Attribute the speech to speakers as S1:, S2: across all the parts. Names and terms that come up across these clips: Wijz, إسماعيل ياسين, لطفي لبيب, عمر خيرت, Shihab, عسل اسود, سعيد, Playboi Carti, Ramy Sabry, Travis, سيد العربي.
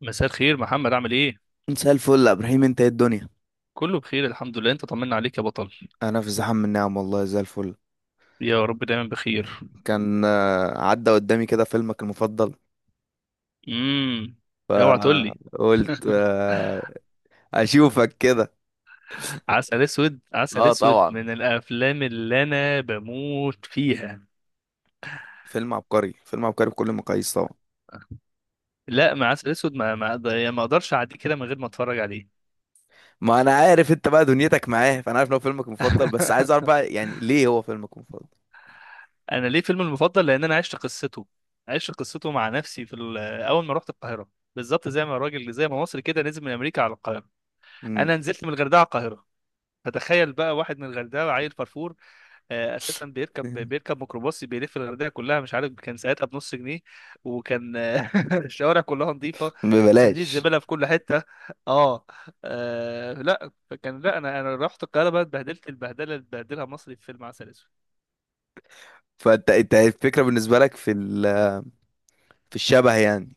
S1: مساء الخير محمد، عامل ايه؟
S2: مساء الفل يا ابراهيم، انت ايه الدنيا؟
S1: كله بخير الحمد لله، انت طمنا عليك يا بطل.
S2: انا في زحام من نعم، والله زي الفل.
S1: يا رب دايما بخير.
S2: كان عدى قدامي كده فيلمك المفضل،
S1: امم. اوعى تقول لي.
S2: فقلت اشوفك كده.
S1: عسل اسود، عسل
S2: اه
S1: اسود
S2: طبعا،
S1: من الافلام اللي انا بموت فيها.
S2: فيلم عبقري فيلم عبقري بكل المقاييس طبعا.
S1: لا، ما عسل اسود ما ما أقدر- يعني ما اقدرش اعدي كده من غير ما اتفرج عليه.
S2: ما انا عارف انت بقى دنيتك معاه، فانا عارف ان هو فيلمك المفضل، بس عايز اعرف بقى يعني ليه هو فيلمك المفضل.
S1: انا ليه فيلم المفضل؟ لان انا عشت قصته. عشت قصته مع نفسي في اول ما رحت القاهره. بالظبط زي ما مصري كده نزل من امريكا على القاهره.
S2: مم.
S1: انا نزلت من الغردقه على القاهره. فتخيل بقى واحد من الغردقه عيل فرفور. اساسا بيركب بيركب ميكروباص بيلف الغردقه كلها، مش عارف كان ساعتها بنص جنيه. وكان الشوارع كلها نظيفه. صناديق
S2: ببلاش.
S1: الزباله في كل حته. اه. لا، فكان لا، انا رحت القاهره بقى اتبهدلت البهدله اللي اتبهدلها مصري في فيلم عسل اسود.
S2: فانت انت الفكرة بالنسبة لك في الشبه يعني.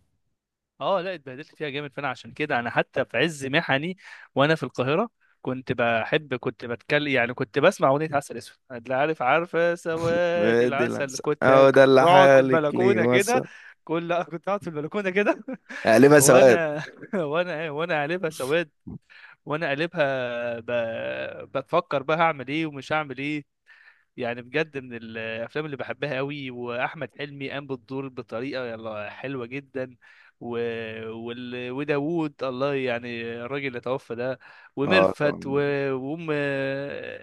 S1: اه، لا، اتبهدلت فيها جامد، فانا عشان كده انا حتى في عز محني. وانا في القاهره. كنت بتكلم يعني كنت بسمع اغنيه عسل اسود، لا عارف عارفه سوادي
S2: دي لا-
S1: العسل، كنت
S2: اهو ده
S1: كنت
S2: اللي
S1: بقعد في
S2: حالك ليه
S1: البلكونه كده.
S2: وصل.
S1: لأ، كنت قاعد في البلكونه كده.
S2: قلبها سواد.
S1: وانا. وانا إيه، وانا قلبها سواد. وانا قلبها بفكر بقى هعمل ايه ومش هعمل ايه. يعني بجد من الافلام اللي بحبها قوي، واحمد حلمي قام بالدور بطريقه يلا حلوه جدا. و... وداوود، الله يعني الراجل اللي توفى ده.
S2: اه
S1: وميرفت
S2: طبعا.
S1: وام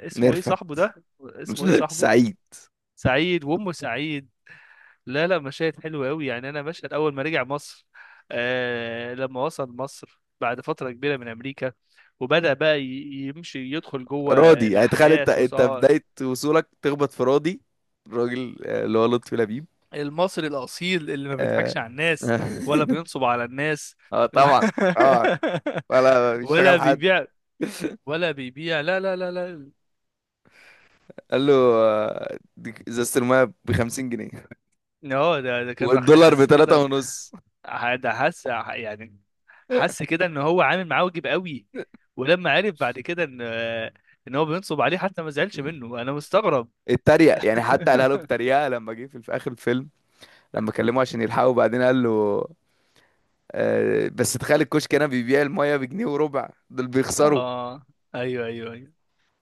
S1: اسمه ايه
S2: ميرفت.
S1: صاحبه ده؟ اسمه ايه صاحبه؟
S2: سعيد.
S1: سعيد وامه سعيد. لا، لا، مشاهد حلوه قوي، يعني انا مشهد اول ما رجع مصر. لما وصل مصر بعد فتره كبيره من امريكا. وبدأ بقى يمشي يدخل جوه.
S2: راضي، يعني تخيل انت
S1: الأحداث.
S2: انت بداية وصولك تخبط في راضي، الراجل اللي هو لطفي لبيب.
S1: المصري الأصيل اللي ما بيضحكش
S2: اه.
S1: على الناس. ولا بينصب على الناس. و-
S2: طبعا. اه. ولا
S1: ولا
S2: بيشتغل حد.
S1: بيبيع. ولا بيبيع، لا، لا، لا، لا.
S2: قال له دي ازازة المايه ب 50 جنيه
S1: اه، ده كان
S2: والدولار ب
S1: حاسس
S2: 3
S1: كده.
S2: ونص.
S1: ده حاسس يعني. حاسس كده ان هو عامل معاه واجب قوي. ولما عرف بعد كده ان هو بينصب عليه حتى ما زعلش منه، انا مستغرب.
S2: اتريق يعني، حتى قالها له بتريقة لما جه في اخر الفيلم، لما كلمه عشان يلحقه بعدين قال له بس تخيل الكشك هنا بيبيع المايه بجنيه وربع، دول بيخسروا.
S1: اه. ايوه، ايوه،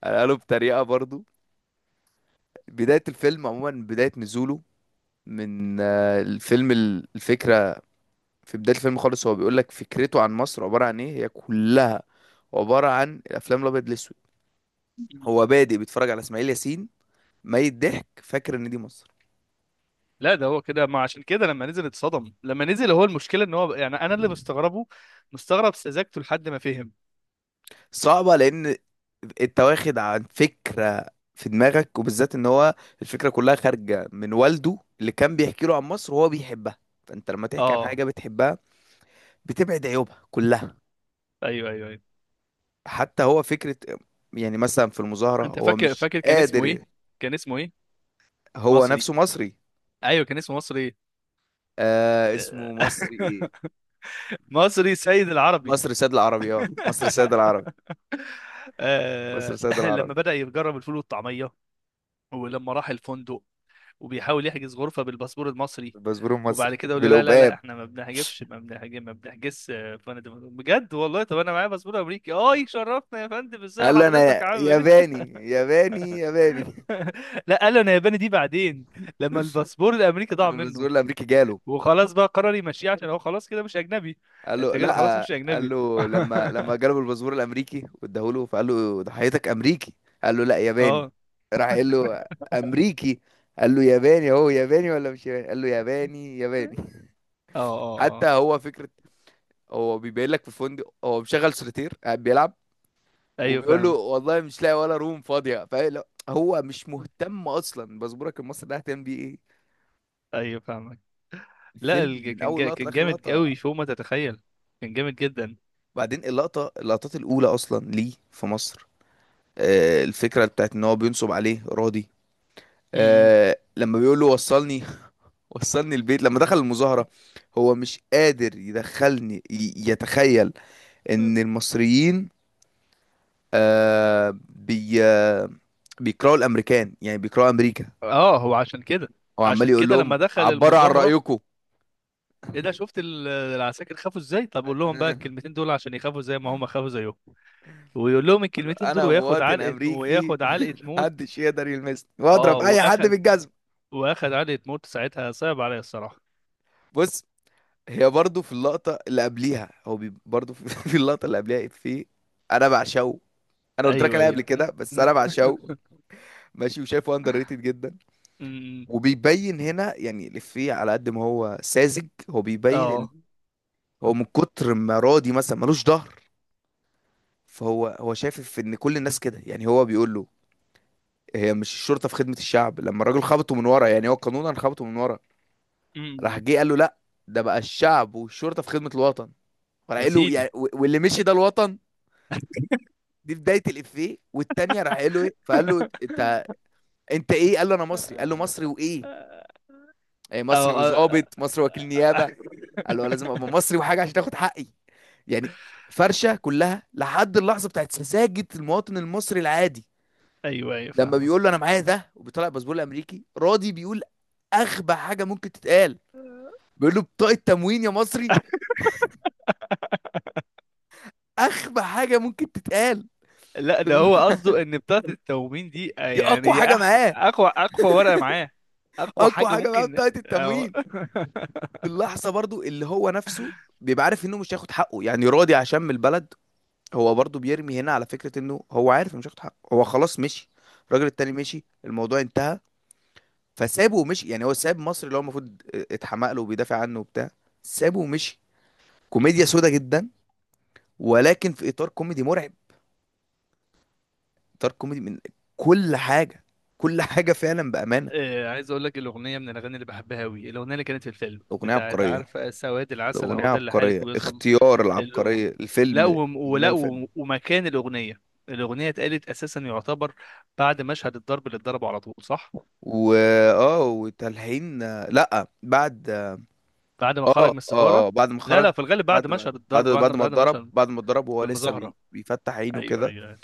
S2: قالوا بطريقة برضو. بداية الفيلم عموما، بداية نزوله من الفيلم الفكرة في بداية الفيلم خالص، هو بيقول لك فكرته عن مصر عبارة عن ايه، هي كلها عبارة عن الافلام الابيض الاسود.
S1: ايوه.
S2: هو بادئ بيتفرج على اسماعيل ياسين، ميت ضحك، فاكر ان دي مصر.
S1: لا، ده هو كده ما عشان كده لما نزل اتصدم، لما نزل هو المشكله ان هو يعني انا اللي مستغربه. مستغرب سذاجته لحد ما فهم.
S2: صعبة، لان انت واخد عن فكرة في دماغك، وبالذات ان هو الفكرة كلها خارجة من والده اللي كان بيحكي له عن مصر وهو بيحبها، فانت لما تحكي عن
S1: اه،
S2: حاجة بتحبها بتبعد عيوبها كلها.
S1: ايوه، ايوه، ايوه.
S2: حتى هو فكرة، يعني مثلا في المظاهرة
S1: انت
S2: هو
S1: فاكر،
S2: مش
S1: فاكر كان اسمه ايه؟
S2: قادر.
S1: كان اسمه ايه؟
S2: هو
S1: مصري.
S2: نفسه مصري.
S1: ايوه، كان اسمه مصري ايه.
S2: اسمه مصري ايه.
S1: مصري سيد العربي.
S2: مصر سيد العربي. اه مصر سيد العربي. مصر سيد العربي.
S1: لما بدأ يجرب الفول والطعمية. ولما راح الفندق. وبيحاول يحجز غرفة بالباسبور المصري.
S2: الباسبور المصري
S1: وبعد كده يقول له لا، لا، لا،
S2: بالقباب.
S1: احنا ما بنحجبش ما بنحجب ما بنحجزش يا فندم، بجد والله. طب انا معايا باسبور امريكي. اه شرفنا يا فندم، ازاي
S2: قال له
S1: حضرتك
S2: انا
S1: عامل ايه؟
S2: ياباني ياباني ياباني.
S1: لا، قال له انا ياباني دي بعدين. لما الباسبور الامريكي ضاع
S2: لما
S1: منه.
S2: الباسبور الامريكي جاله،
S1: وخلاص بقى قرر يمشيه عشان هو خلاص كده مش اجنبي.
S2: قال
S1: انت
S2: له
S1: كده خلاص
S2: لا،
S1: مش
S2: قال
S1: اجنبي.
S2: له لما
S1: اه
S2: جاله الباسبور الامريكي واداه له، فقال له ضحيتك امريكي. قال له لا ياباني.
S1: اه.
S2: راح قال له امريكي. قال له ياباني، هو ياباني ولا مش ياباني؟ قال له ياباني ياباني.
S1: اه،
S2: حتى
S1: اه.
S2: هو فكرة، هو بيبين لك في الفندق هو مشغل سوليتير قاعد بيلعب،
S1: ايوه
S2: وبيقول له
S1: فاهمك.
S2: والله مش لاقي ولا روم فاضية، فهو مش مهتم أصلا. باسبورك المصري ده هتعمل بيه إيه؟
S1: ايوه فاهمك. لا،
S2: الفيلم من أول لقطة
S1: كان
S2: لآخر
S1: جامد
S2: لقطة.
S1: قوي فوق ما تتخيل. كان جامد جدا.
S2: بعدين اللقطات الأولى أصلا ليه في مصر، الفكرة بتاعت ان هو بينصب عليه راضي،
S1: م-م.
S2: لما بيقول له وصلني، وصلني البيت. لما دخل المظاهرة، هو مش قادر يدخلني، يتخيل ان المصريين آه، بي آه، بيكرهوا الامريكان، يعني بيكرهوا امريكا.
S1: اه، هو عشان كده.
S2: هو عمال
S1: عشان
S2: يقول
S1: كده
S2: لهم
S1: لما دخل
S2: عبروا عن
S1: المظاهرة.
S2: رأيكم.
S1: ايه ده، شفت العساكر خافوا ازاي؟ طب قول لهم بقى الكلمتين دول عشان يخافوا زي ما هم خافوا زيهم. ويقول لهم الكلمتين دول
S2: انا مواطن امريكي،
S1: وياخد علقة موت.
S2: محدش يقدر يلمسني،
S1: اه
S2: واضرب اي حد
S1: واخد.
S2: بالجزم.
S1: واخد علقة موت ساعتها، صعب عليا الصراحة.
S2: بص، هي برضو في اللقطة اللي قبليها، هو برضو في، في اللقطة اللي قبليها، في أنا بعشقه. أنا قلت لك
S1: ايوه،
S2: عليها قبل
S1: ايوه.
S2: كده، بس أنا بعشقه. ماشي، وشايفه أندر ريتد جدا.
S1: أمم.
S2: وبيبين هنا يعني الإفيه، على قد ما هو ساذج هو بيبين إن
S1: اه.
S2: هو من كتر ما راضي مثلا ملوش ظهر، فهو شايف في إن كل الناس كده، يعني هو بيقول له هي مش الشرطة في خدمة الشعب؟ لما الراجل خبطه من ورا، يعني هو قانونا خبطه من ورا،
S1: أمم.
S2: راح جه قال له لا، ده بقى الشعب والشرطة في خدمة الوطن. فراح
S1: يا
S2: قال له
S1: سيدي.
S2: يعني واللي مشي ده الوطن. دي بدايه الافيه، والتانيه راح قال له ايه، فقال له انت انت ايه، قال له انا مصري، قال له
S1: اه.
S2: مصري وايه؟ إيه مصري؟
S1: آه، آه.
S2: وظابط مصري وكيل نيابه. قال له لازم ابقى مصري وحاجه عشان تاخد حقي، يعني. فرشه كلها لحد اللحظه بتاعت سذاجه المواطن المصري العادي.
S1: ايوه، ايوه
S2: لما بيقول له انا
S1: فاهمك.
S2: معايا ده، وبيطلع الباسبور الامريكي، راضي بيقول اغبى حاجه ممكن تتقال، بيقول له بطاقه تموين يا مصري. اغبى حاجه ممكن تتقال.
S1: لا، ده
S2: بال-
S1: هو قصده ان بتاعة التومين دي
S2: دي
S1: يعني
S2: اقوى
S1: هي
S2: حاجه
S1: احسن،
S2: معاه.
S1: اقوى ورقة معاه. اقوى
S2: اقوى
S1: حاجة
S2: حاجه معاه
S1: ممكن
S2: بطاقه التموين. في اللحظة برضو اللي هو نفسه بيبقى عارف انه مش هياخد حقه، يعني راضي عشان من البلد، هو برضو بيرمي هنا على فكرة انه هو عارف انه مش هياخد حقه. هو خلاص مشي، الراجل التاني مشي، الموضوع انتهى، فسابه ومشي. يعني هو ساب مصر اللي هو المفروض اتحمق له وبيدافع عنه وبتاع، سابه ومشي. كوميديا سودا جدا، ولكن في اطار كوميدي مرعب، اطار كوميدي من كل حاجة، كل حاجة فعلا بأمانة.
S1: عايز اقول لك الاغنية من الاغاني اللي بحبها قوي، الاغنية اللي كانت في الفيلم
S2: الأغنية
S1: بتاعت
S2: عبقرية.
S1: عارفة سواد العسل
S2: الأغنية
S1: اهو ده اللي حالك
S2: عبقرية،
S1: ويوصل.
S2: اختيار
S1: الأغ-
S2: العبقرية
S1: لا
S2: الفيلم. الأغنية.
S1: ومكان الاغنية. الاغنية اتقالت اساسا يعتبر بعد مشهد الضرب اللي اتضربه على طول، صح.
S2: و، اه وتلحين. لا بعد.
S1: بعد ما
S2: اه
S1: خرج
S2: اه
S1: من السفارة.
S2: اه بعد ما
S1: لا، لا،
S2: خرج.
S1: في الغالب
S2: بعد
S1: بعد
S2: بعد
S1: مشهد الضرب
S2: بعد
S1: بعد
S2: بعد ما
S1: بعد
S2: اتضرب،
S1: مشهد.
S2: بعد ما اتضرب وهو لسه
S1: بالمظاهرة.
S2: بيفتح عينه
S1: ايوه،
S2: كده.
S1: ايوه.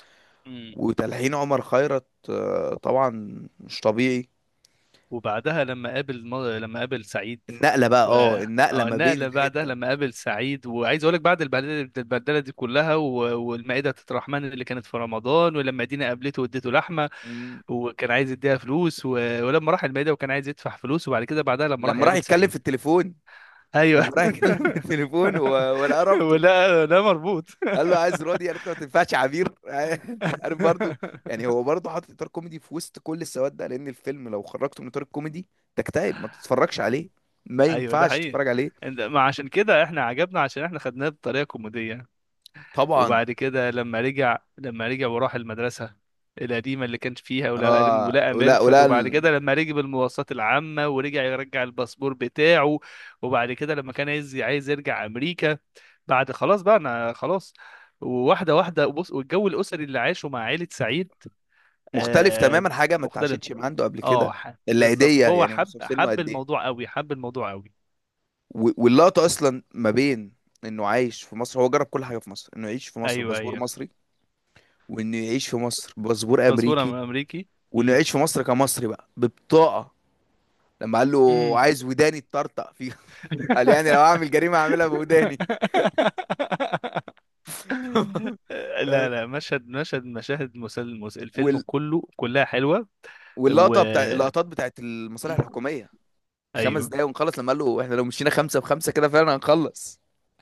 S1: أيوة.
S2: وتلحين عمر خيرت طبعا مش طبيعي.
S1: وبعدها لما قابل سعيد.
S2: النقلة بقى،
S1: و...
S2: النقلة
S1: اه
S2: ما بين
S1: النقلة بعدها
S2: الحتة.
S1: لما قابل سعيد، وعايز اقول لك بعد البهدله البهدله دي كلها والمائدة الرحمن اللي كانت في رمضان، ولما دينا قابلته واديته لحمة.
S2: مم.
S1: وكان عايز يديها فلوس ولما راح المائدة وكان عايز يدفع فلوس، وبعد كده بعدها لما راح
S2: لما راح
S1: يقابل
S2: يتكلم
S1: سعيد.
S2: في التليفون،
S1: ايوه.
S2: لما راح يتكلم في التليفون و- ولقى رابطه،
S1: ولا، لا مربوط.
S2: قال له عايز رودي، قالت له ما تنفعش عبير. عارف برضو، يعني هو برضو حاطط اطار كوميدي في وسط كل السواد ده، لان الفيلم لو خرجته من اطار الكوميدي تكتئب، ما تتفرجش عليه، ما
S1: ايوه، ده
S2: ينفعش
S1: حقيقي.
S2: تتفرج عليه.
S1: ما عشان كده احنا عجبنا عشان احنا خدناه بطريقة كوميدية.
S2: طبعا.
S1: وبعد كده لما رجع وراح المدرسة القديمة اللي كان فيها، ولقى
S2: اه،
S1: ولقى مرفت، وبعد كده لما ركب المواصلات العامة ورجع يرجع الباسبور بتاعه. وبعد كده لما كان عايز يرجع أمريكا. بعد خلاص بقى أنا خلاص. وواحدة واحدة بص، والجو الأسري اللي عاشه مع عائلة سعيد.
S2: مختلف
S1: آه.
S2: تماما، حاجه ما
S1: مختلف.
S2: اتعاشتش مع عنده قبل
S1: اه،
S2: كده.
S1: بالظبط
S2: العيديه،
S1: فهو
S2: يعني
S1: حب
S2: بص سنه
S1: حب
S2: قد ايه،
S1: الموضوع قوي، حب الموضوع قوي.
S2: واللقطه اصلا ما بين انه عايش في مصر، هو جرب كل حاجه في مصر، انه يعيش في مصر
S1: ايوه،
S2: باسبور
S1: ايوه.
S2: مصري، وانه يعيش في مصر باسبور
S1: باسبور
S2: امريكي،
S1: امريكي.
S2: وانه
S1: امم.
S2: يعيش في مصر كمصري بقى ببطاقه. لما قال له
S1: امم.
S2: عايز وداني تطرطق فيها، قال يعني لو اعمل جريمه اعملها بوداني.
S1: لا،
S2: فاهم.
S1: لا، مشهد مشهد مشاهد الفيلم
S2: وال...
S1: كله كلها حلوة. و
S2: واللقطه اللقطات بتاعت المصالح الحكوميه. خمس
S1: ايوه.
S2: دقايق ونخلص، لما قال له احنا لو مشينا خمسه بخمسه كده فعلا هنخلص،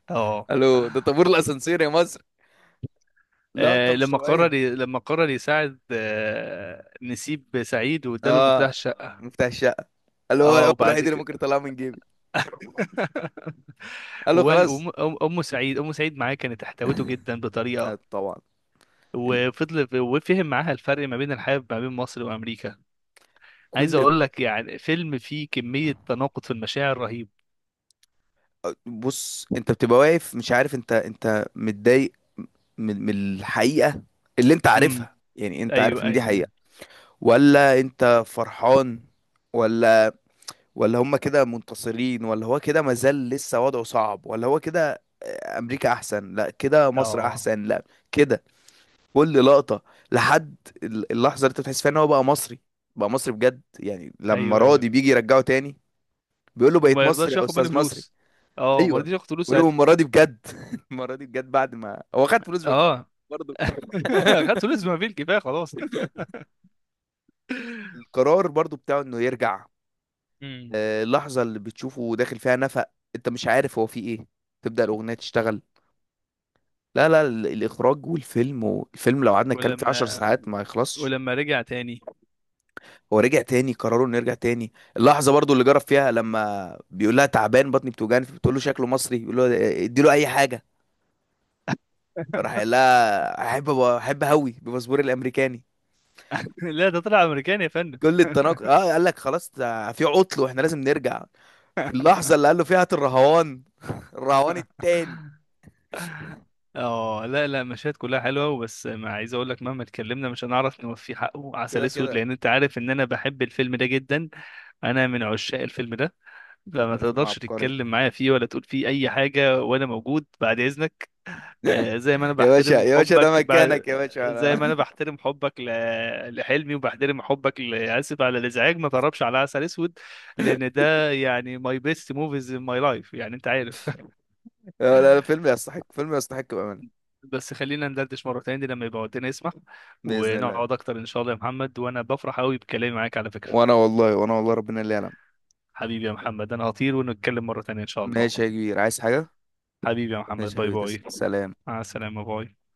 S1: اه.
S2: قال له ده طابور الاسانسير يا مصر. لقطه مش طبيعيه.
S1: لما قرر يساعد نسيب سعيد واداله المفتاح
S2: اه،
S1: الشقة.
S2: مفتاح الشقه. قال له هو
S1: اه،
S2: هو
S1: وبعد
S2: الوحيد اللي ممكن
S1: كده.
S2: يطلعه من جيبي. قال له خلاص.
S1: أم سعيد معاه كانت احتوته جدا بطريقة.
S2: طبعا. ال-
S1: وفضل وفهم معاها الفرق ما بين الحياة، ما بين مصر وأمريكا. عايز
S2: كل.
S1: أقول لك يعني فيلم فيه كمية تناقض في المشاعر رهيب.
S2: بص، انت بتبقى واقف مش عارف انت متضايق من الحقيقة اللي انت عارفها، يعني انت
S1: ايوه،
S2: عارف ان دي
S1: ايوه،
S2: حقيقة،
S1: أيوة.
S2: ولا انت فرحان، ولا، ولا هم كده منتصرين، ولا هو كده مازال لسه وضعه صعب، ولا هو كده امريكا احسن، لا كده مصر
S1: اه.
S2: احسن، لا كده، كل لقطة لحد اللحظة اللي انت بتحس فيها ان هو بقى مصري، بقى مصري بجد، يعني لما
S1: ايوه، ايوه.
S2: راضي بيجي يرجعه تاني بيقول له بقيت
S1: وما
S2: مصري
S1: يرضاش
S2: يا
S1: ياخد مني
S2: استاذ مصري.
S1: فلوس. اه، ما
S2: ايوه.
S1: رضيش ياخد فلوس
S2: ولو
S1: ساعتها.
S2: المره دي بجد، المره دي بجد بعد ما هو خد فلوس ما فيه،
S1: اه،
S2: برضه.
S1: خدت فلوس ما فيه الكفايه خلاص.
S2: القرار برضه بتاعه انه يرجع،
S1: امم.
S2: اللحظه اللي بتشوفه داخل فيها نفق، انت مش عارف هو فيه ايه، تبدا الاغنيه تشتغل. لا لا، الاخراج والفيلم لو قعدنا نتكلم فيه 10
S1: ولما
S2: ساعات ما يخلصش.
S1: ولما رجع تاني.
S2: هو رجع تاني، قرروا انه يرجع تاني، اللحظه برضو اللي جرب فيها لما بيقول لها تعبان، بطني بتوجعني، بتقول له شكله مصري، بيقول له ادي له اي حاجه، راح قال لها احب هوي بباسبوري الامريكاني.
S1: لا، ده طلع امريكاني يا فندم.
S2: كل التناقض، قال لك خلاص ده في عطل واحنا لازم نرجع. في اللحظة اللي قال له فيها هات الرهوان، الرهوان التاني.
S1: اه، لا، لا، مشاهد كلها حلوه، وبس ما عايز اقول لك مهما اتكلمنا مش هنعرف نوفي حقه عسل
S2: كده
S1: اسود،
S2: كده.
S1: لان انت عارف ان انا بحب الفيلم ده جدا. انا من عشاق الفيلم ده. فما
S2: فيلم فيلم
S1: تقدرش
S2: عبقري.
S1: تتكلم معايا فيه ولا تقول فيه اي حاجه وانا موجود، بعد اذنك. زي ما انا
S2: يا باشا
S1: بحترم
S2: يا باشا ده
S1: حبك
S2: مكانك يا باشا،
S1: زي ما انا
S2: أنا.
S1: بحترم حبك لحلمي وبحترم حبك اسف على الازعاج، ما تقربش على عسل اسود. لان ده يعني ماي بيست موفيز ان ماي لايف يعني انت عارف.
S2: لا لا، فيلم يستحق، فيلم يستحق بأمانة.
S1: بس خلينا ندردش مره تاني لما يبقى وقتنا يسمح.
S2: بإذن الله.
S1: ونقعد اكتر ان شاء الله يا محمد، وانا بفرح قوي بكلامي معاك على فكره.
S2: وانا والله، وانا والله ربنا اللي يعلم.
S1: حبيبي يا محمد، انا هطير ونتكلم مره تانيه ان شاء الله.
S2: ماشي يا كبير، عايز حاجة؟
S1: حبيبي يا محمد،
S2: ماشي يا
S1: باي
S2: حبيبي،
S1: باي.
S2: تسلم، سلام.
S1: مع السلامه باي.